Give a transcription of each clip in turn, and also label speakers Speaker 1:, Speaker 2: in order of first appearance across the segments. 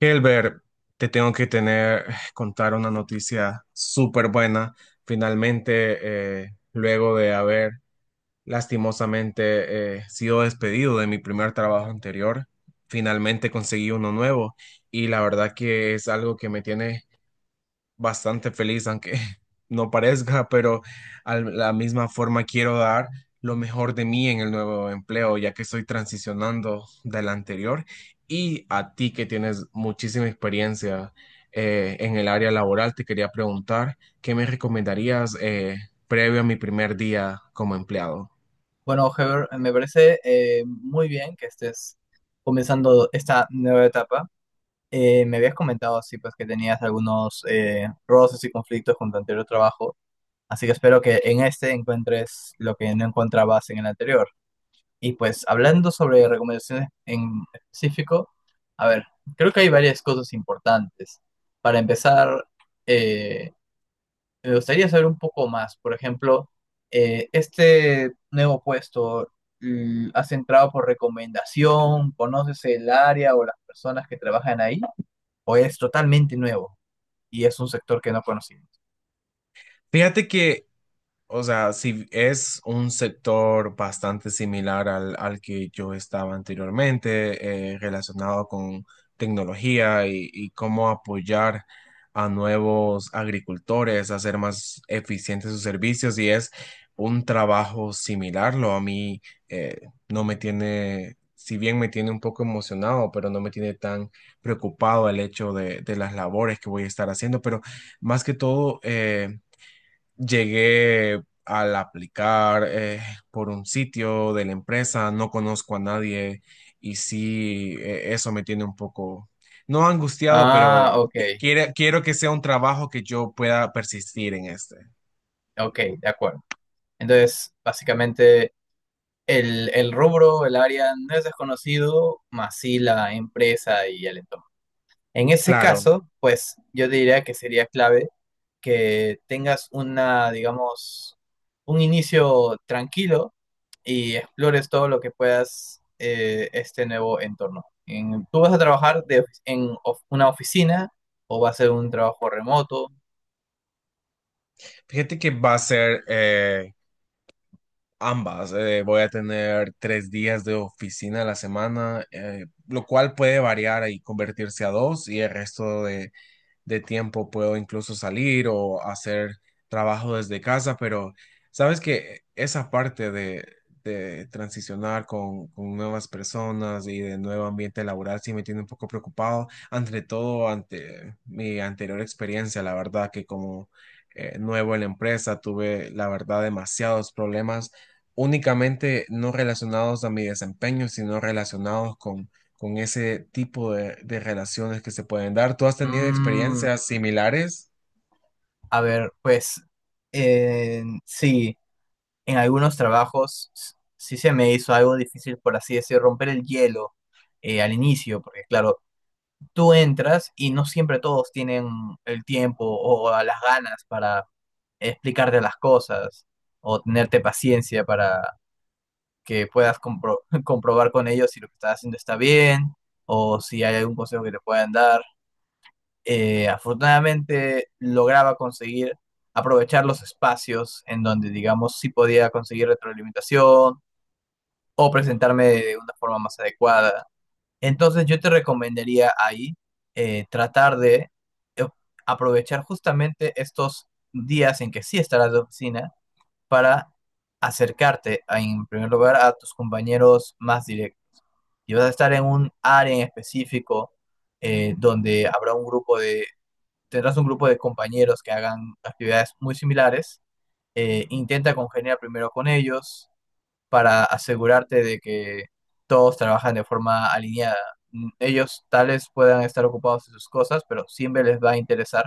Speaker 1: Hilbert, te tengo que tener, contar una noticia súper buena. Finalmente, luego de haber lastimosamente sido despedido de mi primer trabajo anterior, finalmente conseguí uno nuevo y la verdad que es algo que me tiene bastante feliz, aunque no parezca, pero a la misma forma quiero dar lo mejor de mí en el nuevo empleo, ya que estoy transicionando del anterior y a ti que tienes muchísima experiencia en el área laboral, te quería preguntar, ¿qué me recomendarías previo a mi primer día como empleado?
Speaker 2: Bueno, Heber, me parece muy bien que estés comenzando esta nueva etapa. Me habías comentado así pues que tenías algunos roces y conflictos con tu anterior trabajo, así que espero que en este encuentres lo que no encontrabas en el anterior. Y pues hablando sobre recomendaciones en específico, a ver, creo que hay varias cosas importantes. Para empezar, eh, me gustaría saber un poco más. Por ejemplo, este nuevo puesto, ¿has entrado por recomendación? ¿Conoces el área o las personas que trabajan ahí? ¿O es totalmente nuevo y es un sector que no conocimos?
Speaker 1: Fíjate que, o sea, si es un sector bastante similar al que yo estaba anteriormente, relacionado con tecnología y cómo apoyar a nuevos agricultores a hacer más eficientes sus servicios, y es un trabajo similar, lo a mí eh, no me tiene, si bien me tiene un poco emocionado, pero no me tiene tan preocupado el hecho de las labores que voy a estar haciendo, pero más que todo, llegué al aplicar por un sitio de la empresa, no conozco a nadie y sí, eso me tiene un poco, no angustiado,
Speaker 2: Ah,
Speaker 1: pero
Speaker 2: ok,
Speaker 1: quiero que sea un trabajo que yo pueda persistir en este.
Speaker 2: ok, de acuerdo. Entonces, básicamente, el rubro, el área no es desconocido, más sí la empresa y el entorno. En ese
Speaker 1: Claro,
Speaker 2: caso, pues yo diría que sería clave que tengas una, digamos, un inicio tranquilo y explores todo lo que puedas este nuevo entorno. ¿Tú vas a trabajar una oficina o va a ser un trabajo remoto?
Speaker 1: fíjate que va a ser ambas. Voy a tener 3 días de oficina a la semana, lo cual puede variar y convertirse a dos y el resto de tiempo puedo incluso salir o hacer trabajo desde casa, pero sabes que esa parte de transicionar con nuevas personas y de nuevo ambiente laboral sí me tiene un poco preocupado, ante todo ante mi anterior experiencia, la verdad que como nuevo en la empresa tuve, la verdad, demasiados problemas únicamente no relacionados a mi desempeño, sino relacionados con ese tipo de relaciones que se pueden dar. ¿Tú has tenido
Speaker 2: Mm,
Speaker 1: experiencias similares?
Speaker 2: a ver, pues sí, en algunos trabajos sí se me hizo algo difícil, por así decir, romper el hielo al inicio, porque claro, tú entras y no siempre todos tienen el tiempo o las ganas para explicarte las cosas o tenerte paciencia para que puedas comprobar con ellos si lo que estás haciendo está bien o si hay algún consejo que te puedan dar. Afortunadamente lograba conseguir aprovechar los espacios en donde, digamos, sí podía conseguir retroalimentación o presentarme de una forma más adecuada. Entonces yo te recomendaría ahí tratar de eh, aprovechar justamente estos días en que sí estarás de oficina para acercarte, a, en primer lugar, a tus compañeros más directos. Y vas a estar en un área en específico donde habrá tendrás un grupo de compañeros que hagan actividades muy similares. Intenta congeniar primero con ellos, para asegurarte de que todos trabajan de forma alineada. Mm, ellos tales puedan estar ocupados en sus cosas, pero siempre les va a interesar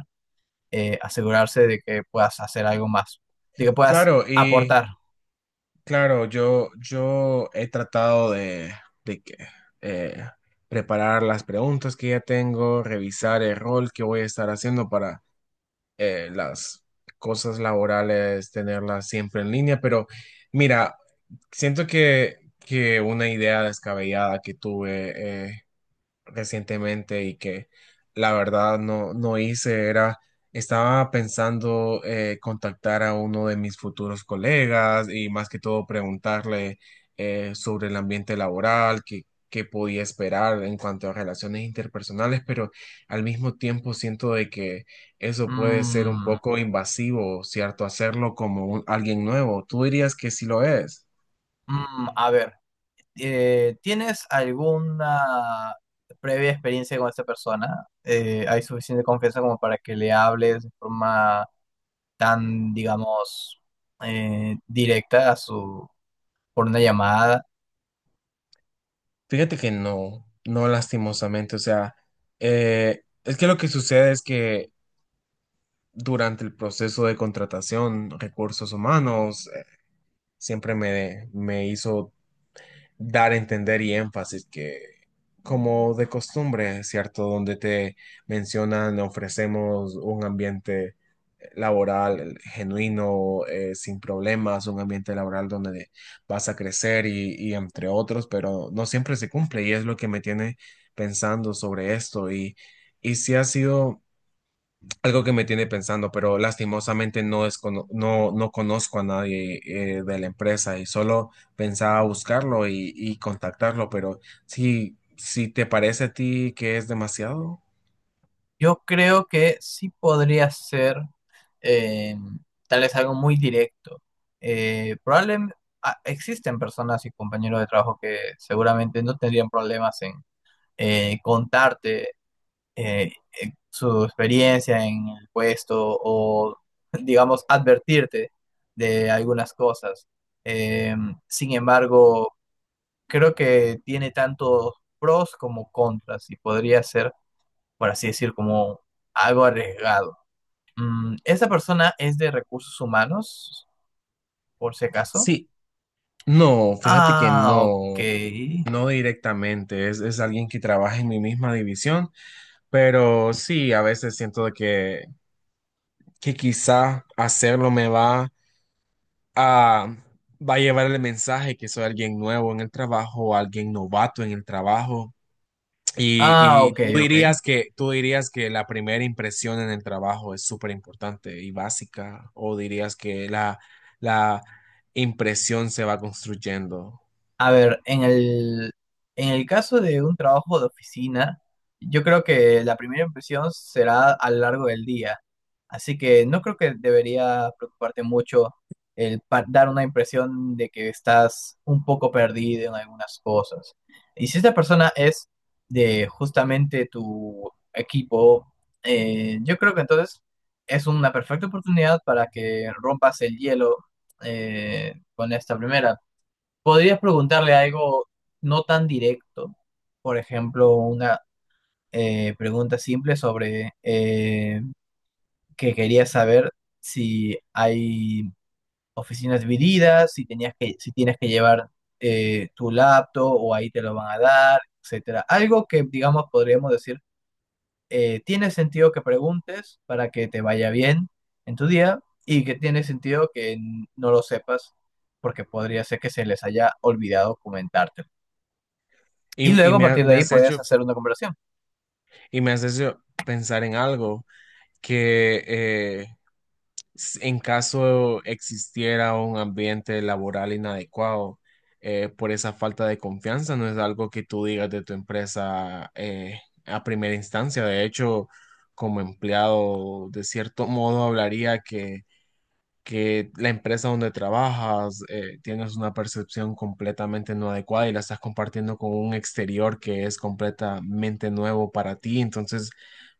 Speaker 2: asegurarse de que puedas hacer algo más, de que puedas
Speaker 1: Claro, y
Speaker 2: aportar.
Speaker 1: claro, yo he tratado de que, eh, preparar las preguntas que ya tengo, revisar el rol que voy a estar haciendo, las cosas laborales, tenerlas siempre en línea, pero mira, siento que una idea descabellada que tuve recientemente y que la verdad no hice, era, estaba pensando, contactar a uno de mis futuros colegas y más que todo preguntarle sobre el ambiente laboral, qué, qué podía esperar en cuanto a relaciones interpersonales, pero al mismo tiempo siento de que eso puede ser un
Speaker 2: Mm,
Speaker 1: poco invasivo, ¿cierto? Hacerlo como alguien nuevo. ¿Tú dirías que sí lo es?
Speaker 2: a ver, ¿tienes alguna previa experiencia con esta persona? ¿Hay suficiente confianza como para que le hables de forma tan, digamos, directa a su, por una llamada?
Speaker 1: Fíjate que no, no lastimosamente, o sea, es que lo que sucede es que durante el proceso de contratación, recursos humanos siempre me hizo dar a entender y énfasis que, como de costumbre, ¿cierto? Donde te mencionan, ofrecemos un ambiente laboral genuino, sin problemas, un ambiente laboral donde vas a crecer y entre otros, pero no siempre se cumple y es lo que me tiene pensando sobre esto y sí ha sido algo que me tiene pensando, pero lastimosamente no, no conozco a nadie de la empresa y solo pensaba buscarlo y contactarlo, pero si, si te parece a ti que es demasiado.
Speaker 2: Yo creo que sí podría ser eh, tal vez algo muy directo. Probablemente existen personas y compañeros de trabajo que seguramente no tendrían problemas en contarte eh, su experiencia en el puesto o, digamos, advertirte de algunas cosas. Eh, sin embargo, creo que tiene tantos pros como contras y podría ser por así decir, como algo arriesgado. Mm, ¿esa persona es de recursos humanos, por si acaso?
Speaker 1: Sí, no, fíjate que
Speaker 2: Ah, ok.
Speaker 1: no, no directamente, es alguien que trabaja en mi misma división, pero sí, a veces siento de que quizá hacerlo me ah, va a llevar el mensaje que soy alguien nuevo en el trabajo, alguien novato en el trabajo.
Speaker 2: Ah,
Speaker 1: Y
Speaker 2: ok, ok.
Speaker 1: tú dirías que la primera impresión en el trabajo es súper importante y básica, o dirías que la impresión se va construyendo.
Speaker 2: A ver, en el caso de un trabajo de oficina, yo creo que la primera impresión será a lo largo del día. Así que no creo que debería preocuparte mucho el dar una impresión de que estás un poco perdido en algunas cosas. Y si esta persona es de justamente tu equipo, yo creo que entonces es una perfecta oportunidad para que rompas el hielo con esta primera. Podrías preguntarle algo no tan directo, por ejemplo, una pregunta simple sobre que querías saber si hay oficinas divididas, si tienes que llevar tu laptop o ahí te lo van a dar, etcétera. Algo que, digamos, podríamos decir, tiene sentido que preguntes para que te vaya bien en tu día y que tiene sentido que no lo sepas porque podría ser que se les haya olvidado comentártelo. Y
Speaker 1: Y
Speaker 2: luego a
Speaker 1: me,
Speaker 2: partir de
Speaker 1: me
Speaker 2: ahí
Speaker 1: has
Speaker 2: puedes
Speaker 1: hecho,
Speaker 2: hacer una comparación.
Speaker 1: y me has hecho pensar en algo que en caso existiera un ambiente laboral inadecuado por esa falta de confianza, no es algo que tú digas de tu empresa a primera instancia. De hecho, como empleado, de cierto modo, hablaría que la empresa donde trabajas, tienes una percepción completamente no adecuada y la estás compartiendo con un exterior que es completamente nuevo para ti, entonces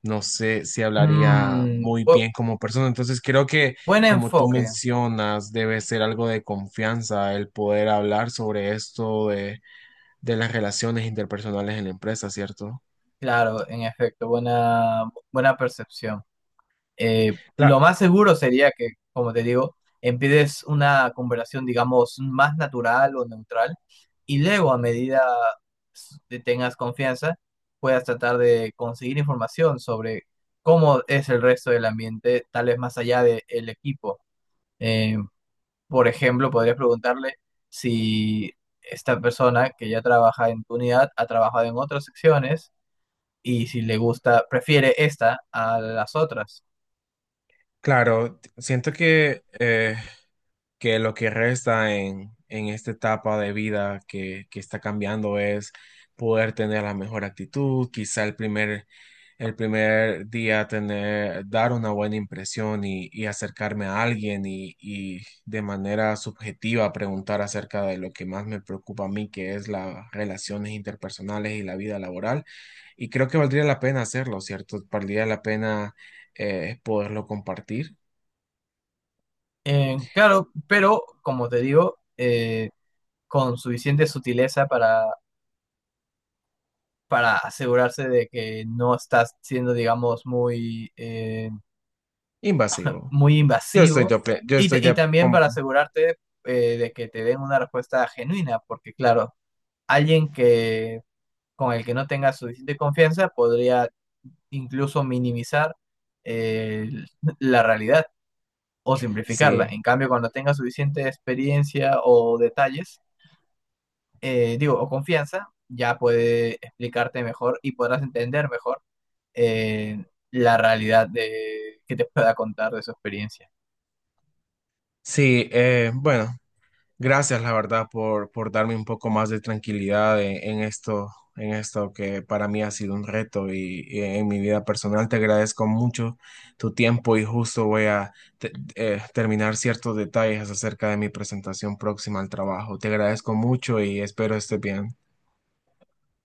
Speaker 1: no sé si hablaría
Speaker 2: Mm,
Speaker 1: muy bien como persona. Entonces creo que
Speaker 2: buen
Speaker 1: como tú
Speaker 2: enfoque,
Speaker 1: mencionas, debe ser algo de confianza el poder hablar sobre esto de las relaciones interpersonales en la empresa, ¿cierto?
Speaker 2: claro, en efecto, buena, buena percepción.
Speaker 1: Cla-
Speaker 2: Lo más seguro sería que, como te digo, empieces una comparación, digamos, más natural o neutral, y luego a medida que tengas confianza, puedas tratar de conseguir información sobre cómo es el resto del ambiente, tal vez más allá del equipo. Eh, Por ejemplo, podrías preguntarle si esta persona que ya trabaja en tu unidad ha trabajado en otras secciones y si le gusta, prefiere esta a las otras.
Speaker 1: claro, siento que lo que resta en esta etapa de vida que está cambiando es poder tener la mejor actitud, quizá el primer día tener, dar una buena impresión y acercarme a alguien y de manera subjetiva preguntar acerca de lo que más me preocupa a mí, que es las relaciones interpersonales y la vida laboral. Y creo que valdría la pena hacerlo, ¿cierto? Valdría la pena poderlo compartir.
Speaker 2: Claro, pero como te digo, con suficiente sutileza para asegurarse de que no estás siendo, digamos, muy,
Speaker 1: Invasivo.
Speaker 2: muy
Speaker 1: Yo estoy de,
Speaker 2: invasivo
Speaker 1: yo
Speaker 2: y,
Speaker 1: estoy
Speaker 2: y
Speaker 1: de,
Speaker 2: también
Speaker 1: com-
Speaker 2: para asegurarte de que te den una respuesta genuina, porque claro, alguien que con el que no tenga suficiente confianza podría incluso minimizar eh, la realidad o simplificarla.
Speaker 1: sí,
Speaker 2: En cambio, cuando tenga suficiente experiencia o detalles, digo, o confianza, ya puede explicarte mejor y podrás entender mejor eh, la realidad de, que te pueda contar de su experiencia.
Speaker 1: sí, bueno, gracias la verdad por darme un poco más de tranquilidad en esto, en esto que para mí ha sido un reto y en mi vida personal te agradezco mucho tu tiempo y justo voy a te- terminar ciertos detalles acerca de mi presentación próxima al trabajo. Te agradezco mucho y espero estés bien.